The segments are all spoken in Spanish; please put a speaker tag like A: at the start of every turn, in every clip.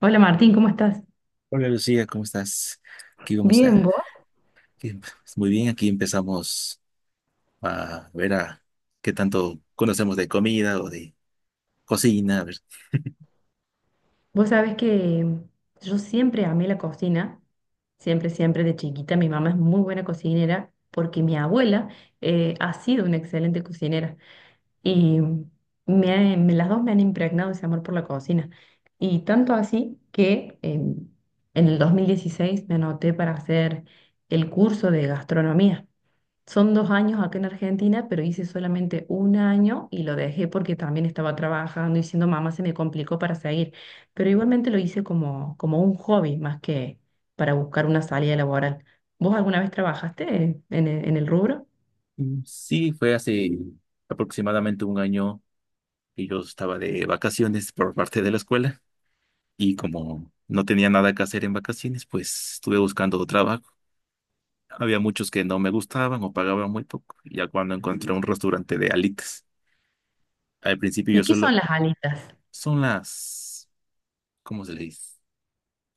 A: Hola Martín, ¿cómo estás?
B: Hola Lucía, ¿cómo estás? Aquí vamos a...
A: Bien, ¿vos?
B: aquí- Muy bien, aquí empezamos a ver a qué tanto conocemos de comida o de cocina. A ver.
A: Vos sabés que yo siempre amé la cocina, siempre, siempre de chiquita. Mi mamá es muy buena cocinera porque mi abuela ha sido una excelente cocinera y las dos me han impregnado ese amor por la cocina. Y tanto así que en el 2016 me anoté para hacer el curso de gastronomía. Son dos años acá en Argentina, pero hice solamente un año y lo dejé porque también estaba trabajando y siendo mamá se me complicó para seguir. Pero igualmente lo hice como, como un hobby más que para buscar una salida laboral. ¿Vos alguna vez trabajaste en el rubro?
B: Sí, fue hace aproximadamente un año que yo estaba de vacaciones por parte de la escuela y como no tenía nada que hacer en vacaciones, pues estuve buscando trabajo. Había muchos que no me gustaban o pagaban muy poco, ya cuando encontré un restaurante de alitas. Al principio yo
A: ¿Y qué
B: solo...
A: son las alitas?
B: Son las... ¿Cómo se le dice?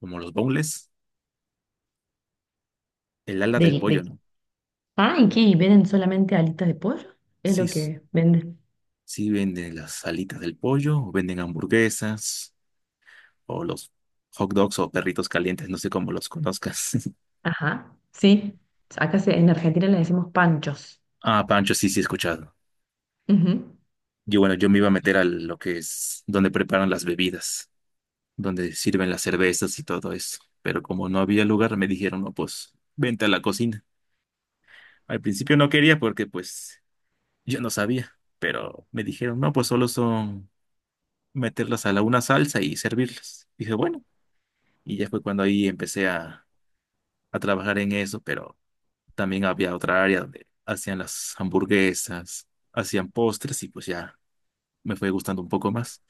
B: Como los boneless, el ala del
A: ¿Del-
B: pollo,
A: de,
B: ¿no?
A: ah, ¿y qué? ¿Y ¿Venden solamente alitas de pollo? Es
B: Sí,
A: lo que venden.
B: sí venden las alitas del pollo, o venden hamburguesas, o los hot dogs o perritos calientes, no sé cómo los conozcas.
A: Ajá, sí. En Argentina le decimos panchos.
B: Ah, pancho, sí, sí, he escuchado.
A: Ujú.
B: Yo, bueno, yo me iba a meter a lo que es donde preparan las bebidas, donde sirven las cervezas y todo eso. Pero como no había lugar, me dijeron, no, pues, vente a la cocina. Al principio no quería porque, pues, yo no sabía. Pero me dijeron, no, pues solo son meterlas a la una salsa y servirlas. Dije, bueno, y ya fue cuando ahí empecé a trabajar en eso, pero también había otra área donde hacían las hamburguesas, hacían postres y pues ya me fue gustando un poco más.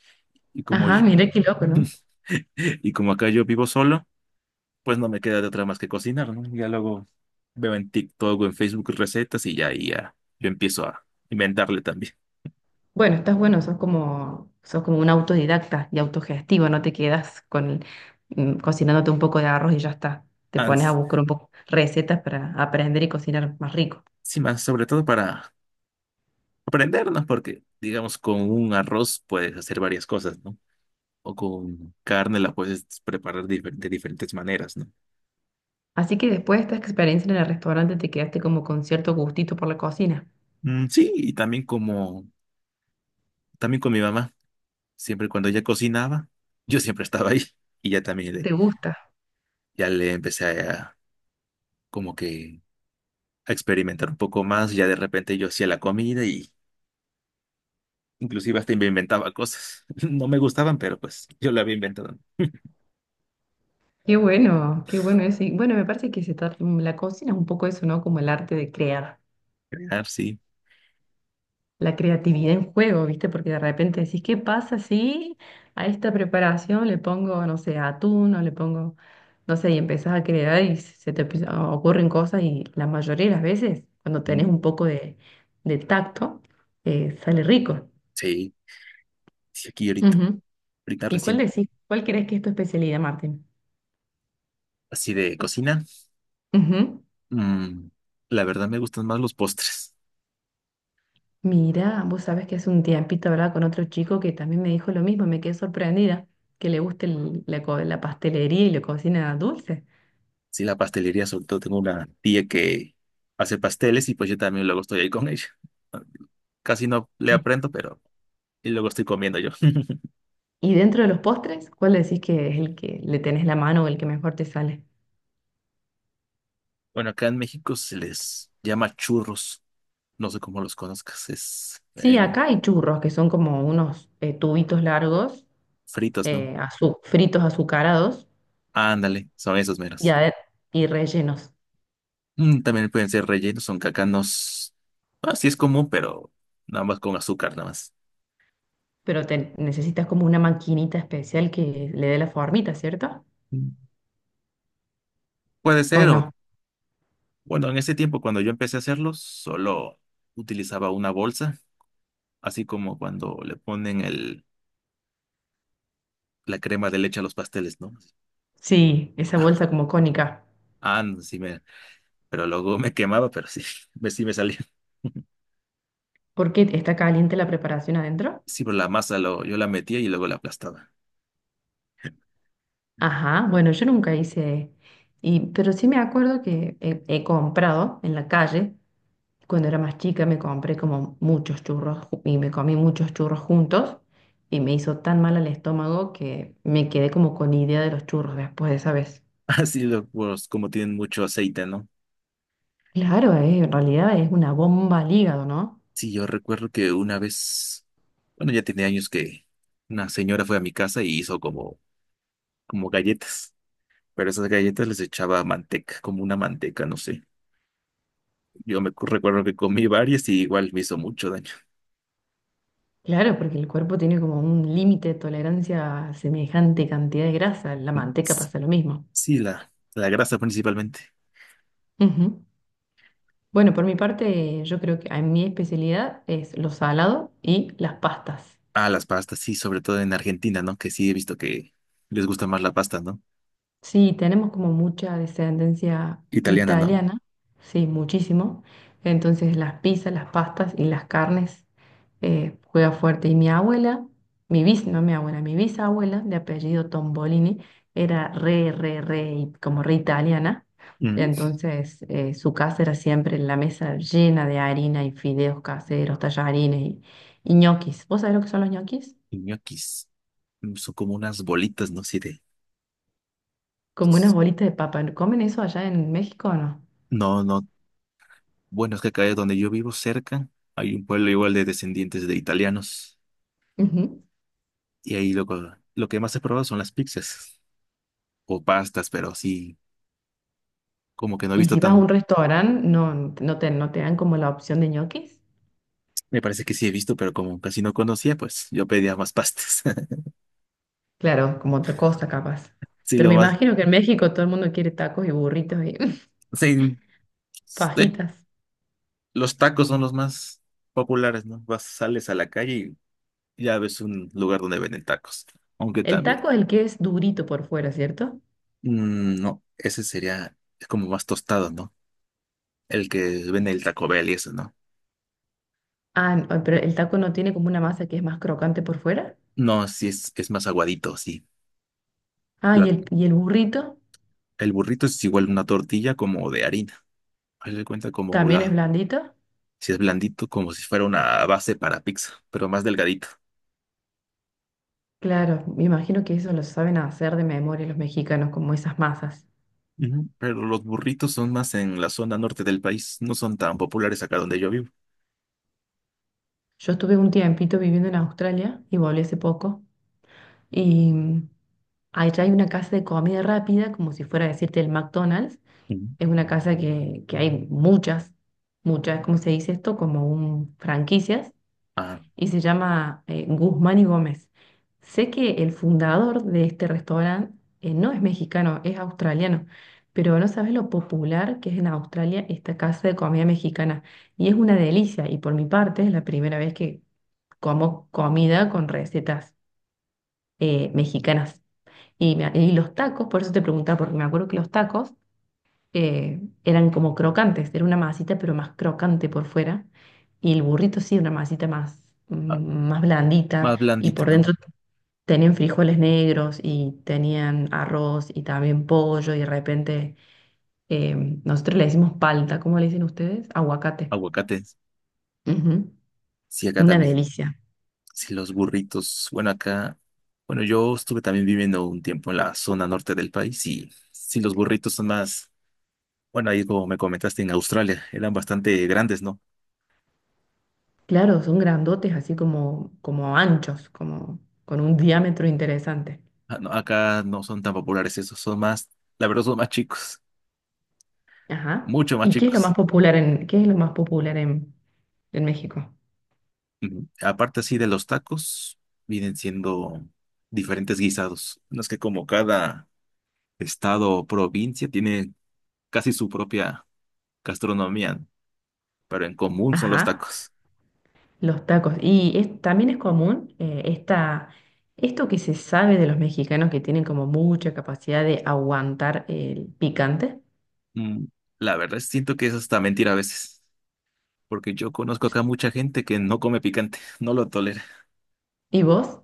B: Y como
A: Ajá,
B: yo-
A: mira qué loco, ¿no?
B: y como acá yo vivo solo, pues no me queda de otra más que cocinar, ¿no? Ya luego veo en TikTok o en Facebook recetas y ya, ahí ya yo empiezo a inventarle también.
A: Bueno, estás bueno, sos como un autodidacta y autogestivo, no te quedas con cocinándote un poco de arroz y ya está. Te
B: Ah,
A: pones a
B: s-
A: buscar un poco recetas para aprender y cocinar más rico.
B: Sí, más sobre todo para aprendernos, porque digamos con un arroz puedes hacer varias cosas, ¿no? O con carne la puedes preparar de diferentes maneras, ¿no?
A: Así que después de esta experiencia en el restaurante te quedaste como con cierto gustito por la cocina.
B: Mm, sí, y también como, también con mi mamá, siempre cuando ella cocinaba, yo siempre estaba ahí y ya también
A: ¿Te gusta?
B: ya le empecé como que a experimentar un poco más, ya de repente yo hacía la comida y inclusive hasta me inventaba cosas, no me gustaban, pero pues yo la había inventado.
A: Qué bueno eso. Y bueno, me parece que la cocina es un poco eso, ¿no? Como el arte de crear.
B: Ah, sí,
A: La creatividad en juego, ¿viste? Porque de repente decís, ¿qué pasa si a esta preparación le pongo, no sé, atún o le pongo, no sé, y empezás a crear y ocurren cosas y la mayoría de las veces, cuando tenés
B: mm,
A: un poco de tacto, sale rico.
B: sí, sí, aquí
A: Ujú.
B: ahorita
A: ¿Y cuál
B: recién,
A: decís? ¿Cuál crees que es tu especialidad, Martín?
B: así de cocina,
A: Ujú.
B: mm, la verdad me gustan más los postres.
A: Mira, vos sabés que hace un tiempito hablaba con otro chico que también me dijo lo mismo, me quedé sorprendida, que le gusta la pastelería y la cocina dulce.
B: Sí, la pastelería, sobre todo tengo una tía que hace pasteles y pues yo también luego estoy ahí con ella. Casi no le aprendo, pero y luego estoy comiendo yo.
A: Y dentro de los postres, ¿cuál decís que es el que le tenés la mano o el que mejor te sale?
B: Bueno, acá en México se les llama churros. No sé cómo los conozcas, es
A: Sí,
B: en
A: acá hay churros, que son como unos tubitos largos,
B: fritos, ¿no?
A: fritos azucarados
B: Ándale, son esos
A: y,
B: meros.
A: ade- y rellenos.
B: Mm, también pueden ser rellenos, son cacanos. Ah, sí es común, pero nada más con azúcar, nada más.
A: Pero te necesitas como una maquinita especial que le dé la formita, ¿cierto?
B: Mm, Puede
A: ¿O
B: ser,
A: no?
B: o bueno, en ese tiempo cuando yo empecé a hacerlos, solo utilizaba una bolsa, así como cuando le ponen el la crema de leche a los pasteles, ¿no?
A: Sí, esa
B: Ah,
A: bolsa como cónica.
B: ah, no, sí me, pero luego me quemaba, pero sí, me, sí me salía.
A: ¿Por qué está caliente la preparación adentro?
B: Sí, pero la masa lo, yo la metía y luego la aplastaba.
A: Ajá, bueno, yo nunca hice, y, pero sí me acuerdo que he comprado en la calle. Cuando era más chica me compré como y me comí muchos churros juntos y me hizo tan mal al estómago que me quedé como con idea de los churros después de esa vez.
B: Así lo, pues, como tienen mucho aceite, ¿no?
A: Claro, en realidad es una bomba al hígado, ¿no?
B: Sí, yo recuerdo que una vez, bueno, ya tenía años que una señora fue a mi casa y hizo como, como galletas, pero esas galletas les echaba manteca, como una manteca, no sé. Recuerdo que comí varias y igual me hizo mucho daño.
A: Claro, porque el cuerpo tiene como un límite de tolerancia a semejante cantidad de grasa. La manteca pasa lo mismo.
B: Sí, la grasa principalmente.
A: Ujú. Bueno, por mi parte, yo creo que a mi especialidad es lo salado y las pastas.
B: Ah, las pastas, sí, sobre todo en Argentina, ¿no? Que sí he visto que les gusta más la pasta, ¿no?
A: Sí, tenemos como mucha descendencia
B: Italiana, ¿no?
A: italiana, sí, muchísimo. Entonces las pizzas, las pastas y las carnes juega fuerte. Y mi abuela, mi bis, no mi abuela, mi bisabuela de apellido Tombolini era re, re, re, y como re italiana.
B: Mm.
A: Entonces su casa era siempre la mesa llena de harina y fideos caseros, tallarines y ñoquis. ¿Vos sabés lo que son los ñoquis?
B: Y ñoquis son como unas bolitas, ¿no? Sí, de...
A: Como unas bolitas de papa. ¿Comen eso allá en México o no?
B: No, no. Bueno, es que acá donde yo vivo, cerca, hay un pueblo igual de descendientes de italianos.
A: Ujú.
B: Y ahí lo que más he probado son las pizzas o pastas, pero sí, como que no he
A: Y
B: visto
A: si vas a
B: tan...
A: un restaurante, no, no te dan como la opción de ñoquis.
B: Me parece que sí he visto, pero como casi no conocía, pues yo pedía más pastas.
A: Claro, como otra cosa capaz.
B: Sí,
A: Pero
B: lo
A: me
B: más...
A: imagino que en México todo el mundo quiere tacos y burritos y
B: Sí, de
A: fajitas.
B: los tacos son los más populares, ¿no? Vas, sales a la calle y ya ves un lugar donde venden tacos. Aunque
A: El
B: también,
A: taco es el que es durito por fuera, ¿cierto?
B: no, ese sería es como más tostado, ¿no? El que vende el Taco Bell y eso, ¿no?
A: Ah, no, pero el taco no tiene como una masa que es más crocante por fuera.
B: No, sí es más aguadito, sí.
A: Ah, y
B: La-
A: el, y el burrito
B: el burrito es igual una tortilla como de harina. Haz de cuenta como
A: también es blandito.
B: si es blandito, como si fuera una base para pizza, pero más delgadito.
A: Claro, me imagino que eso lo saben hacer de memoria los mexicanos, como esas masas.
B: Ujú. Pero los burritos son más en la zona norte del país, no son tan populares acá donde yo vivo.
A: Yo estuve un tiempito viviendo en Australia y volví hace poco. Y allá hay una casa de comida rápida, como si fuera a decirte el McDonald's.
B: Ujú.
A: Es una casa que hay muchas, muchas, ¿cómo se dice esto? Como un franquicias. Y se llama Guzmán y Gómez. Sé que el fundador de este restaurante no es mexicano, es australiano. Pero no sabes lo popular que es en Australia esta casa de comida mexicana. Y es una delicia. Y por mi parte es la primera vez que como comida con recetas mexicanas. Y, y los tacos, por eso te preguntaba, porque me acuerdo que los tacos eran como crocantes, era una masita pero más crocante por fuera, y el burrito sí, una masita más,
B: Ah,
A: más blandita,
B: más
A: y
B: blandita,
A: por dentro
B: ¿no?
A: tenían frijoles negros y tenían arroz y también pollo, y de repente eh, nosotros le decimos palta, ¿cómo le dicen ustedes? Aguacate.
B: Aguacates.
A: Ujú,
B: Sí, acá
A: una
B: también.
A: delicia.
B: Sí, los burritos. Bueno, acá. Bueno, yo estuve también viviendo un tiempo en la zona norte del país y sí, los burritos son más. Bueno, ahí como me comentaste en Australia, eran bastante grandes, ¿no?
A: Claro, son grandotes, así como, como anchos, como con un diámetro interesante.
B: Ah, no, acá no son tan populares esos, son más. La verdad, son más chicos,
A: Ajá.
B: mucho más
A: ¿Y qué es lo más
B: chicos.
A: popular en, qué es lo más popular en México?
B: Ujú. Aparte, así de los tacos, vienen siendo diferentes guisados. No es que como cada estado o provincia tiene casi su propia gastronomía, pero en común son
A: Ajá.
B: los tacos.
A: Los tacos. También es común esto que se sabe de los mexicanos que tienen como mucha capacidad de aguantar el picante.
B: Mm, La verdad siento que eso está mentira a veces, porque yo conozco acá mucha gente que no come picante, no lo tolera.
A: ¿Y vos?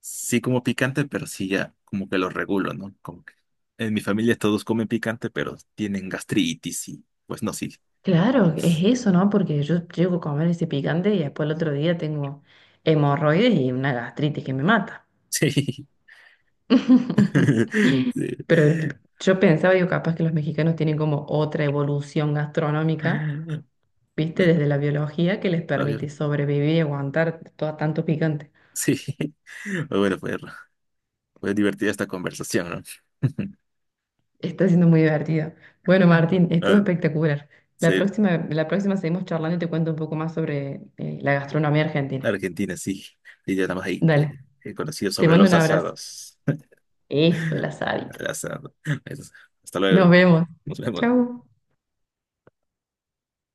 B: Sí como picante, pero sí ya como que lo regulo, ¿no? Como que en mi familia todos comen picante, pero tienen gastritis y pues no, sí.
A: Claro, es eso, ¿no? Porque yo llego a comer ese picante y después el otro día tengo hemorroides y una gastritis que me mata.
B: Sí. Sí.
A: Pero yo pensaba, yo capaz que los mexicanos tienen como otra evolución gastronómica
B: Ah,
A: viste,
B: bueno,
A: desde la biología que les
B: está
A: permite
B: bien.
A: sobrevivir y aguantar todo tanto picante.
B: Sí. Bueno, fue divertida esta conversación, ¿no?
A: Está siendo muy divertido. Bueno, Martín, estuvo
B: Ah,
A: espectacular.
B: sí,
A: La próxima seguimos charlando y te cuento un poco más sobre la gastronomía argentina.
B: Argentina, sí. Y ya nada más ahí
A: Dale,
B: conocido
A: te
B: sobre
A: mando un
B: los
A: abrazo.
B: asados.
A: Eso, el asadito.
B: Asado. Hasta luego.
A: Nos vemos.
B: Nos vemos.
A: Chau.